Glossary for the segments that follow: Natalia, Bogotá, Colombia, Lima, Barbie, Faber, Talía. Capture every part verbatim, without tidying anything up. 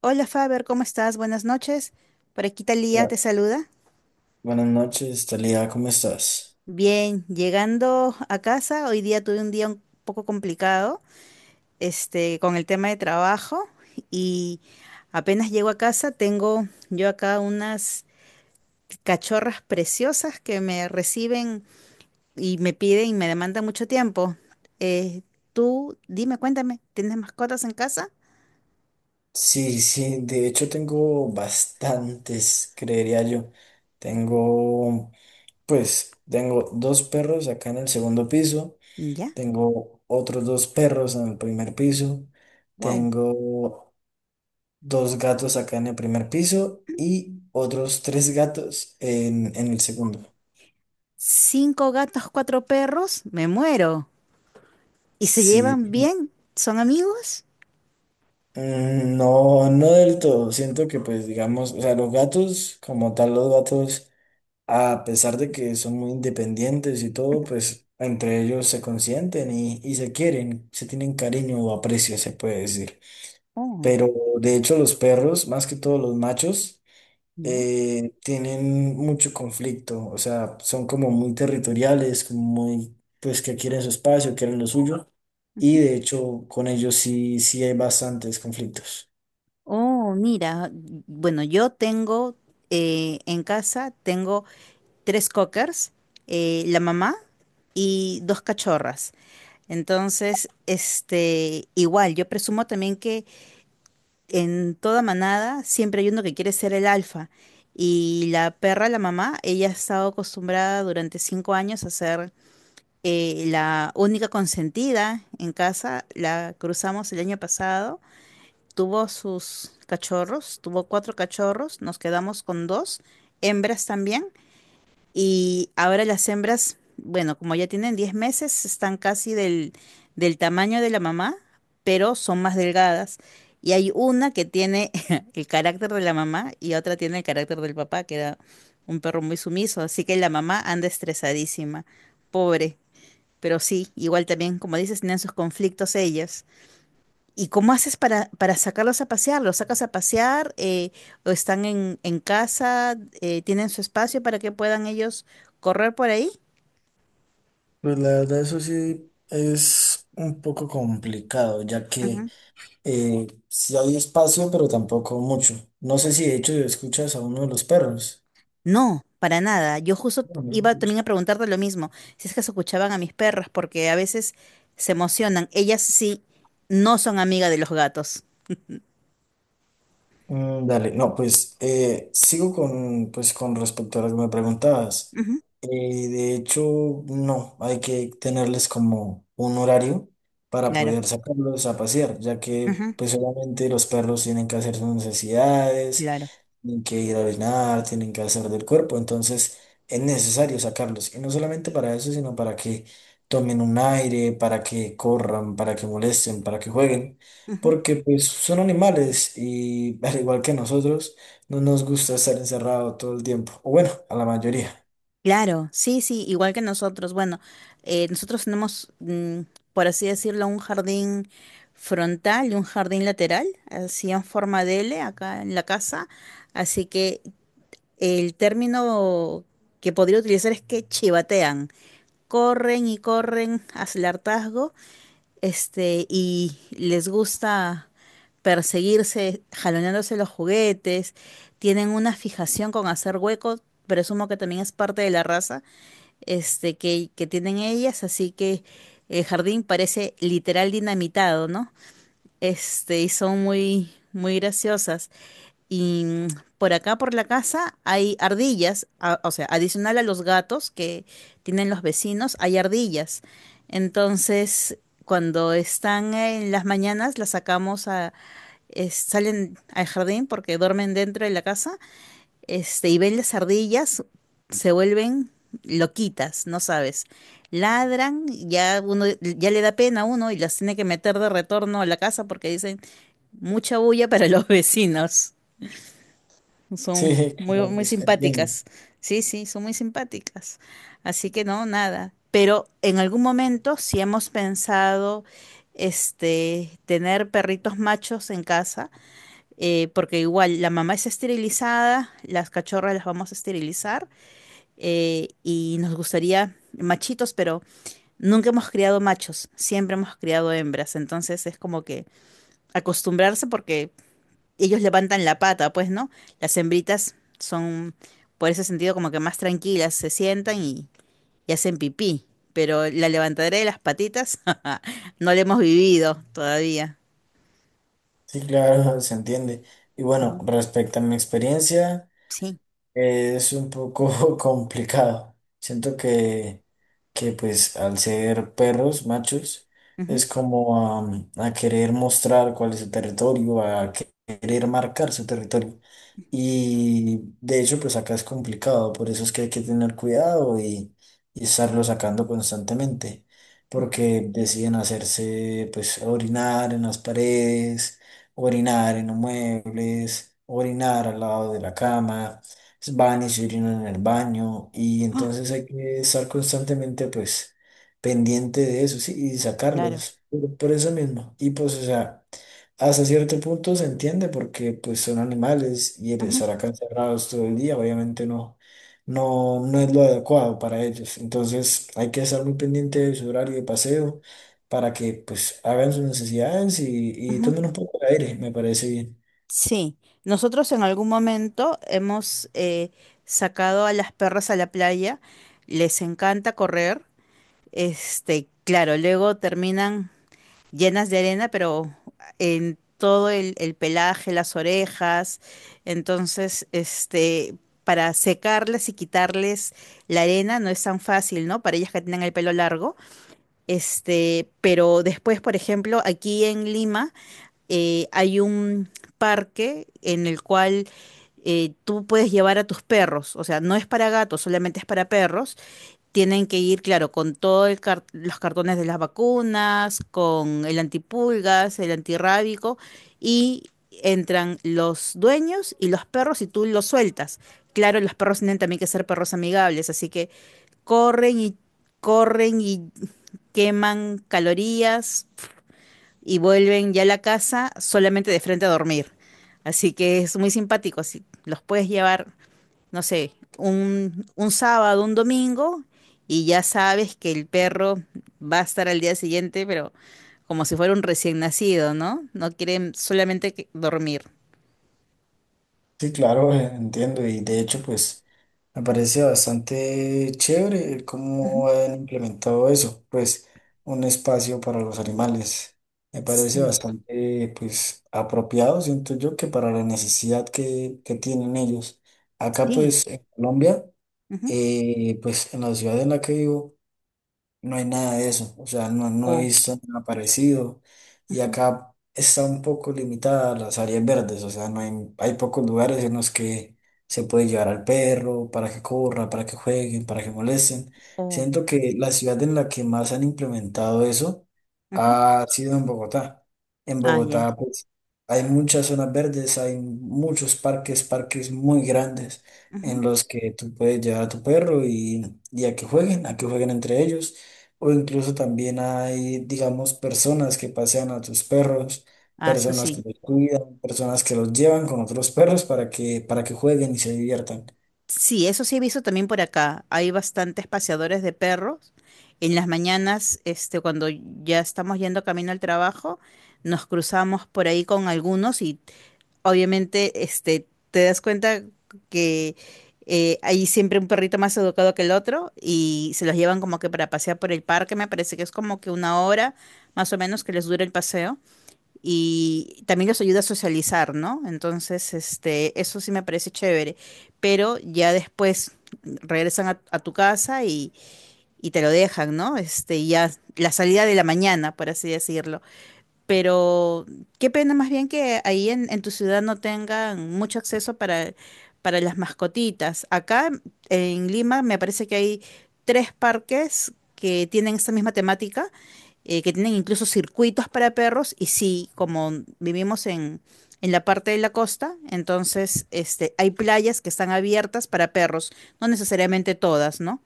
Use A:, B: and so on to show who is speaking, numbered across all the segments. A: Hola Faber, ¿cómo estás? Buenas noches. Por aquí Talía
B: Hola.
A: te saluda.
B: Buenas noches, Talía, ¿cómo estás?
A: Bien, llegando a casa, hoy día tuve un día un poco complicado, este, con el tema de trabajo y apenas llego a casa tengo yo acá unas cachorras preciosas que me reciben y me piden y me demandan mucho tiempo. Eh, tú, dime, cuéntame, ¿tienes mascotas en casa?
B: Sí, sí, de hecho tengo bastantes, creería yo. Tengo, pues, tengo dos perros acá en el segundo piso,
A: Ya,
B: tengo otros dos perros en el primer piso,
A: wow.
B: tengo dos gatos acá en el primer piso y otros tres gatos en, en el segundo.
A: Cinco gatos, cuatro perros, me muero. ¿Y se
B: Sí,
A: llevan bien? ¿Son amigos?
B: mm, no, no del todo. Siento que, pues, digamos, o sea, los gatos, como tal, los gatos, a pesar de que son muy independientes y todo, pues entre ellos se consienten y, y se quieren, se tienen cariño o aprecio, se puede decir.
A: Oh,
B: Pero de hecho los perros, más que todos los machos,
A: ya.
B: eh, tienen mucho conflicto, o sea, son como muy territoriales, como muy, pues que quieren su espacio, quieren lo suyo, y
A: Ujú.
B: de hecho con ellos sí, sí hay bastantes conflictos.
A: Oh, mira, bueno, yo tengo eh, en casa, tengo tres cockers, eh, la mamá y dos cachorras. Entonces, este, igual, yo presumo también que en toda manada siempre hay uno que quiere ser el alfa. Y la perra, la mamá, ella ha estado acostumbrada durante cinco años a ser eh, la única consentida en casa, la cruzamos el año pasado, tuvo sus cachorros, tuvo cuatro cachorros, nos quedamos con dos, hembras también, y ahora las hembras, bueno, como ya tienen diez meses, están casi del, del tamaño de la mamá, pero son más delgadas. Y hay una que tiene el carácter de la mamá y otra tiene el carácter del papá, que era un perro muy sumiso, así que la mamá anda estresadísima, pobre. Pero sí, igual también, como dices, tienen sus conflictos ellas. ¿Y cómo haces para, para sacarlos a pasear? ¿Los sacas a pasear? Eh, ¿o están en, en casa? Eh, ¿tienen su espacio para que puedan ellos correr por ahí?
B: Pues la verdad eso sí es un poco complicado, ya que...
A: Ujú.
B: Eh, sí hay espacio, pero tampoco mucho. No sé si de hecho escuchas a uno de los perros.
A: No, para nada. Yo justo
B: no no se
A: iba
B: escucha.
A: también a preguntarte lo mismo, si es que se escuchaban a mis perras, porque a veces se emocionan. Ellas sí no son amigas de los gatos.
B: Mm, dale, no, pues eh, sigo con, pues, con respecto a lo que me preguntabas.
A: Ujú,
B: Eh, de hecho, no, hay que tenerles como un horario para
A: claro,
B: poder sacarlos a pasear, ya que
A: ujú,
B: pues obviamente los perros tienen que hacer sus necesidades.
A: claro.
B: Tienen que ir a orinar, tienen que hacer del cuerpo, entonces es necesario sacarlos. Y no solamente para eso, sino para que tomen un aire, para que corran, para que molesten, para que jueguen,
A: Ujú.
B: porque pues son animales y al igual que nosotros, no nos gusta estar encerrado todo el tiempo, o bueno, a la mayoría.
A: Claro, sí, sí, igual que nosotros. Bueno, eh, nosotros tenemos, mm, por así decirlo, un jardín frontal y un jardín lateral, así en forma de L acá en la casa. Así que el término que podría utilizar es que chivatean. Corren y corren hacia el hartazgo, este, y les gusta perseguirse, jaloneándose los juguetes. Tienen una fijación con hacer huecos, presumo que también es parte de la raza este, que, que tienen ellas, así que el jardín parece literal dinamitado, ¿no? Este, y son muy, muy graciosas. Y mm, por acá, por la casa, hay ardillas, a- o sea, adicional a los gatos que tienen los vecinos, hay ardillas. Entonces, cuando están en las mañanas, las sacamos a, es- salen al jardín porque duermen dentro de la casa este, y ven las ardillas, se vuelven loquitas, no sabes. Ladran, ya uno, ya le da pena a uno y las tiene que meter de retorno a la casa porque dicen mucha bulla para los vecinos. Son
B: Sí,
A: muy,
B: claro,
A: muy
B: pues entiendo.
A: simpáticas. Sí, sí, son muy simpáticas. Así que no, nada. Pero en algún momento, si hemos pensado, este, tener perritos machos en casa, eh, porque igual la mamá es esterilizada, las cachorras las vamos a esterilizar eh, y nos gustaría machitos, pero nunca hemos criado machos, siempre hemos criado hembras, entonces es como que acostumbrarse porque ellos levantan la pata, pues, ¿no? Las hembritas son, por ese sentido, como que más tranquilas, se sientan y, y hacen pipí, pero la levantadera de las patitas no la hemos vivido todavía.
B: Sí, claro, se entiende. Y bueno,
A: Ujú.
B: respecto a mi experiencia.
A: Sí.
B: Es un poco complicado. Siento que, que pues al ser perros machos
A: Ujú,
B: es como am, a, querer mostrar cuál es su territorio, a querer marcar su territorio. Y de hecho pues acá es complicado, por eso es que hay que tener cuidado y, y estarlo sacando constantemente,
A: ujú.
B: porque deciden hacerse pues orinar en las paredes, orinar en los muebles, orinar al lado de la cama pues, van y se orinan en el baño y
A: Ah,
B: entonces hay que estar constantemente pues pendiente de eso, sí, y
A: claro.
B: sacarlos por, por eso mismo. Y pues, o sea, hasta cierto punto se entiende porque pues son animales y el
A: Ujú,
B: estar acá encerrados todo el día obviamente no, no, no es lo adecuado para ellos. Entonces hay que estar muy pendiente de su horario de paseo para que pues hagan sus necesidades y, y
A: ujú.
B: tomen un poco de aire, me parece bien.
A: Sí, nosotros en algún momento hemos eh, sacado a las perras a la playa, les encanta correr, este, claro, luego terminan llenas de arena, pero en todo el, el pelaje, las orejas, entonces, este, para secarles y quitarles la arena no es tan fácil, ¿no? Para ellas que tienen el pelo largo, este, pero después, por ejemplo, aquí en Lima eh, hay un parque en el cual eh, tú puedes llevar a tus perros. O sea, no es para gatos, solamente es para perros. Tienen que ir, claro, con todos los cartones de las vacunas, con el antipulgas, el antirrábico, y entran los dueños y los perros y tú los sueltas. Claro, los perros tienen también que ser perros amigables, así que corren y corren y queman calorías y vuelven ya a la casa solamente de frente a dormir. Así que es muy simpático. Así, los puedes llevar, no sé, un, un sábado, un domingo, y ya sabes que el perro va a estar al día siguiente, pero como si fuera un recién nacido, ¿no? No quieren solamente que- dormir.
B: Sí, claro, eh, entiendo. Y de hecho, pues me parece bastante chévere el
A: Ujú.
B: cómo han implementado eso, pues un espacio para los animales. Me parece
A: Sí,
B: bastante, pues, apropiado, siento yo, que para la necesidad que, que tienen ellos. Acá,
A: sí.
B: pues, en Colombia,
A: Ujú,
B: eh, pues en la ciudad en la que vivo no hay nada de eso, o sea, no, no he
A: o,
B: visto nada parecido y
A: ujú,
B: acá está un poco limitada las áreas verdes, o sea, no hay, hay pocos lugares en los que se puede llevar al perro para que corra, para que jueguen, para que molesten.
A: o,
B: Siento que la ciudad en la que más han implementado eso
A: ujú.
B: ha sido en Bogotá. En
A: Ah, ya.
B: Bogotá, pues, hay muchas zonas verdes, hay muchos parques, parques muy grandes en
A: Ujú.
B: los que tú puedes llevar a tu perro y, y a que jueguen, a que jueguen entre ellos. O incluso también hay, digamos, personas que pasean a tus perros,
A: Ah, eso
B: personas
A: sí.
B: que los cuidan, personas que los llevan con otros perros para que, para que jueguen y se diviertan.
A: Sí, eso sí he visto también por acá. Hay bastantes paseadores de perros. En las mañanas, este, cuando ya estamos yendo camino al trabajo, nos cruzamos por ahí con algunos y obviamente, este, te das cuenta que eh, hay siempre un perrito más educado que el otro y se los llevan como que para pasear por el parque. Me parece que es como que una hora más o menos que les dura el paseo y también los ayuda a socializar, ¿no? Entonces, este, eso sí me parece chévere, pero ya después regresan a, a tu casa y, y te lo dejan, ¿no? Este, y ya la salida de la mañana, por así decirlo. Pero qué pena más bien que ahí en, en tu ciudad no tengan mucho acceso para, para las mascotitas. Acá en Lima me parece que hay tres parques que tienen esta misma temática, eh, que tienen incluso circuitos para perros. Y sí, como vivimos en, en la parte de la costa, entonces este, hay playas que están abiertas para perros, no necesariamente todas, ¿no?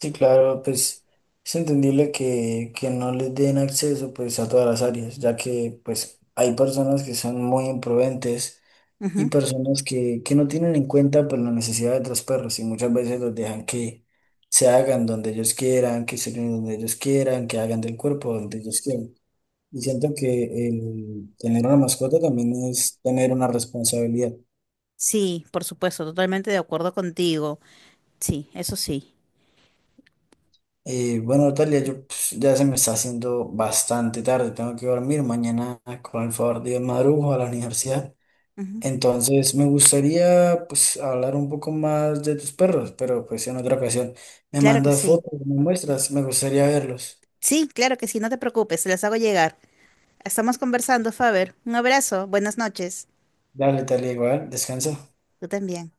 B: Sí, claro, pues es entendible que, que no les den acceso pues a todas las áreas, ya que pues hay personas que son muy imprudentes y
A: Ujú.
B: personas que, que no tienen en cuenta pues la necesidad de otros perros y muchas veces los dejan que se hagan donde ellos quieran, que se den donde ellos quieran, que hagan del cuerpo donde ellos quieran. Y siento que el tener una mascota también es tener una responsabilidad.
A: Sí, por supuesto, totalmente de acuerdo contigo. Sí, eso sí.
B: Eh, bueno, Natalia, yo pues, ya se me está haciendo bastante tarde, tengo que dormir, mañana con el favor de Dios madrugo a la universidad. Entonces, me gustaría pues hablar un poco más de tus perros, pero pues en otra ocasión. Me
A: Claro que
B: mandas
A: sí.
B: fotos, me muestras, me gustaría verlos.
A: Sí, claro que sí, no te preocupes, se las hago llegar. Estamos conversando, Faber. Un abrazo, buenas noches.
B: Dale, Natalia, igual, descansa.
A: Tú también.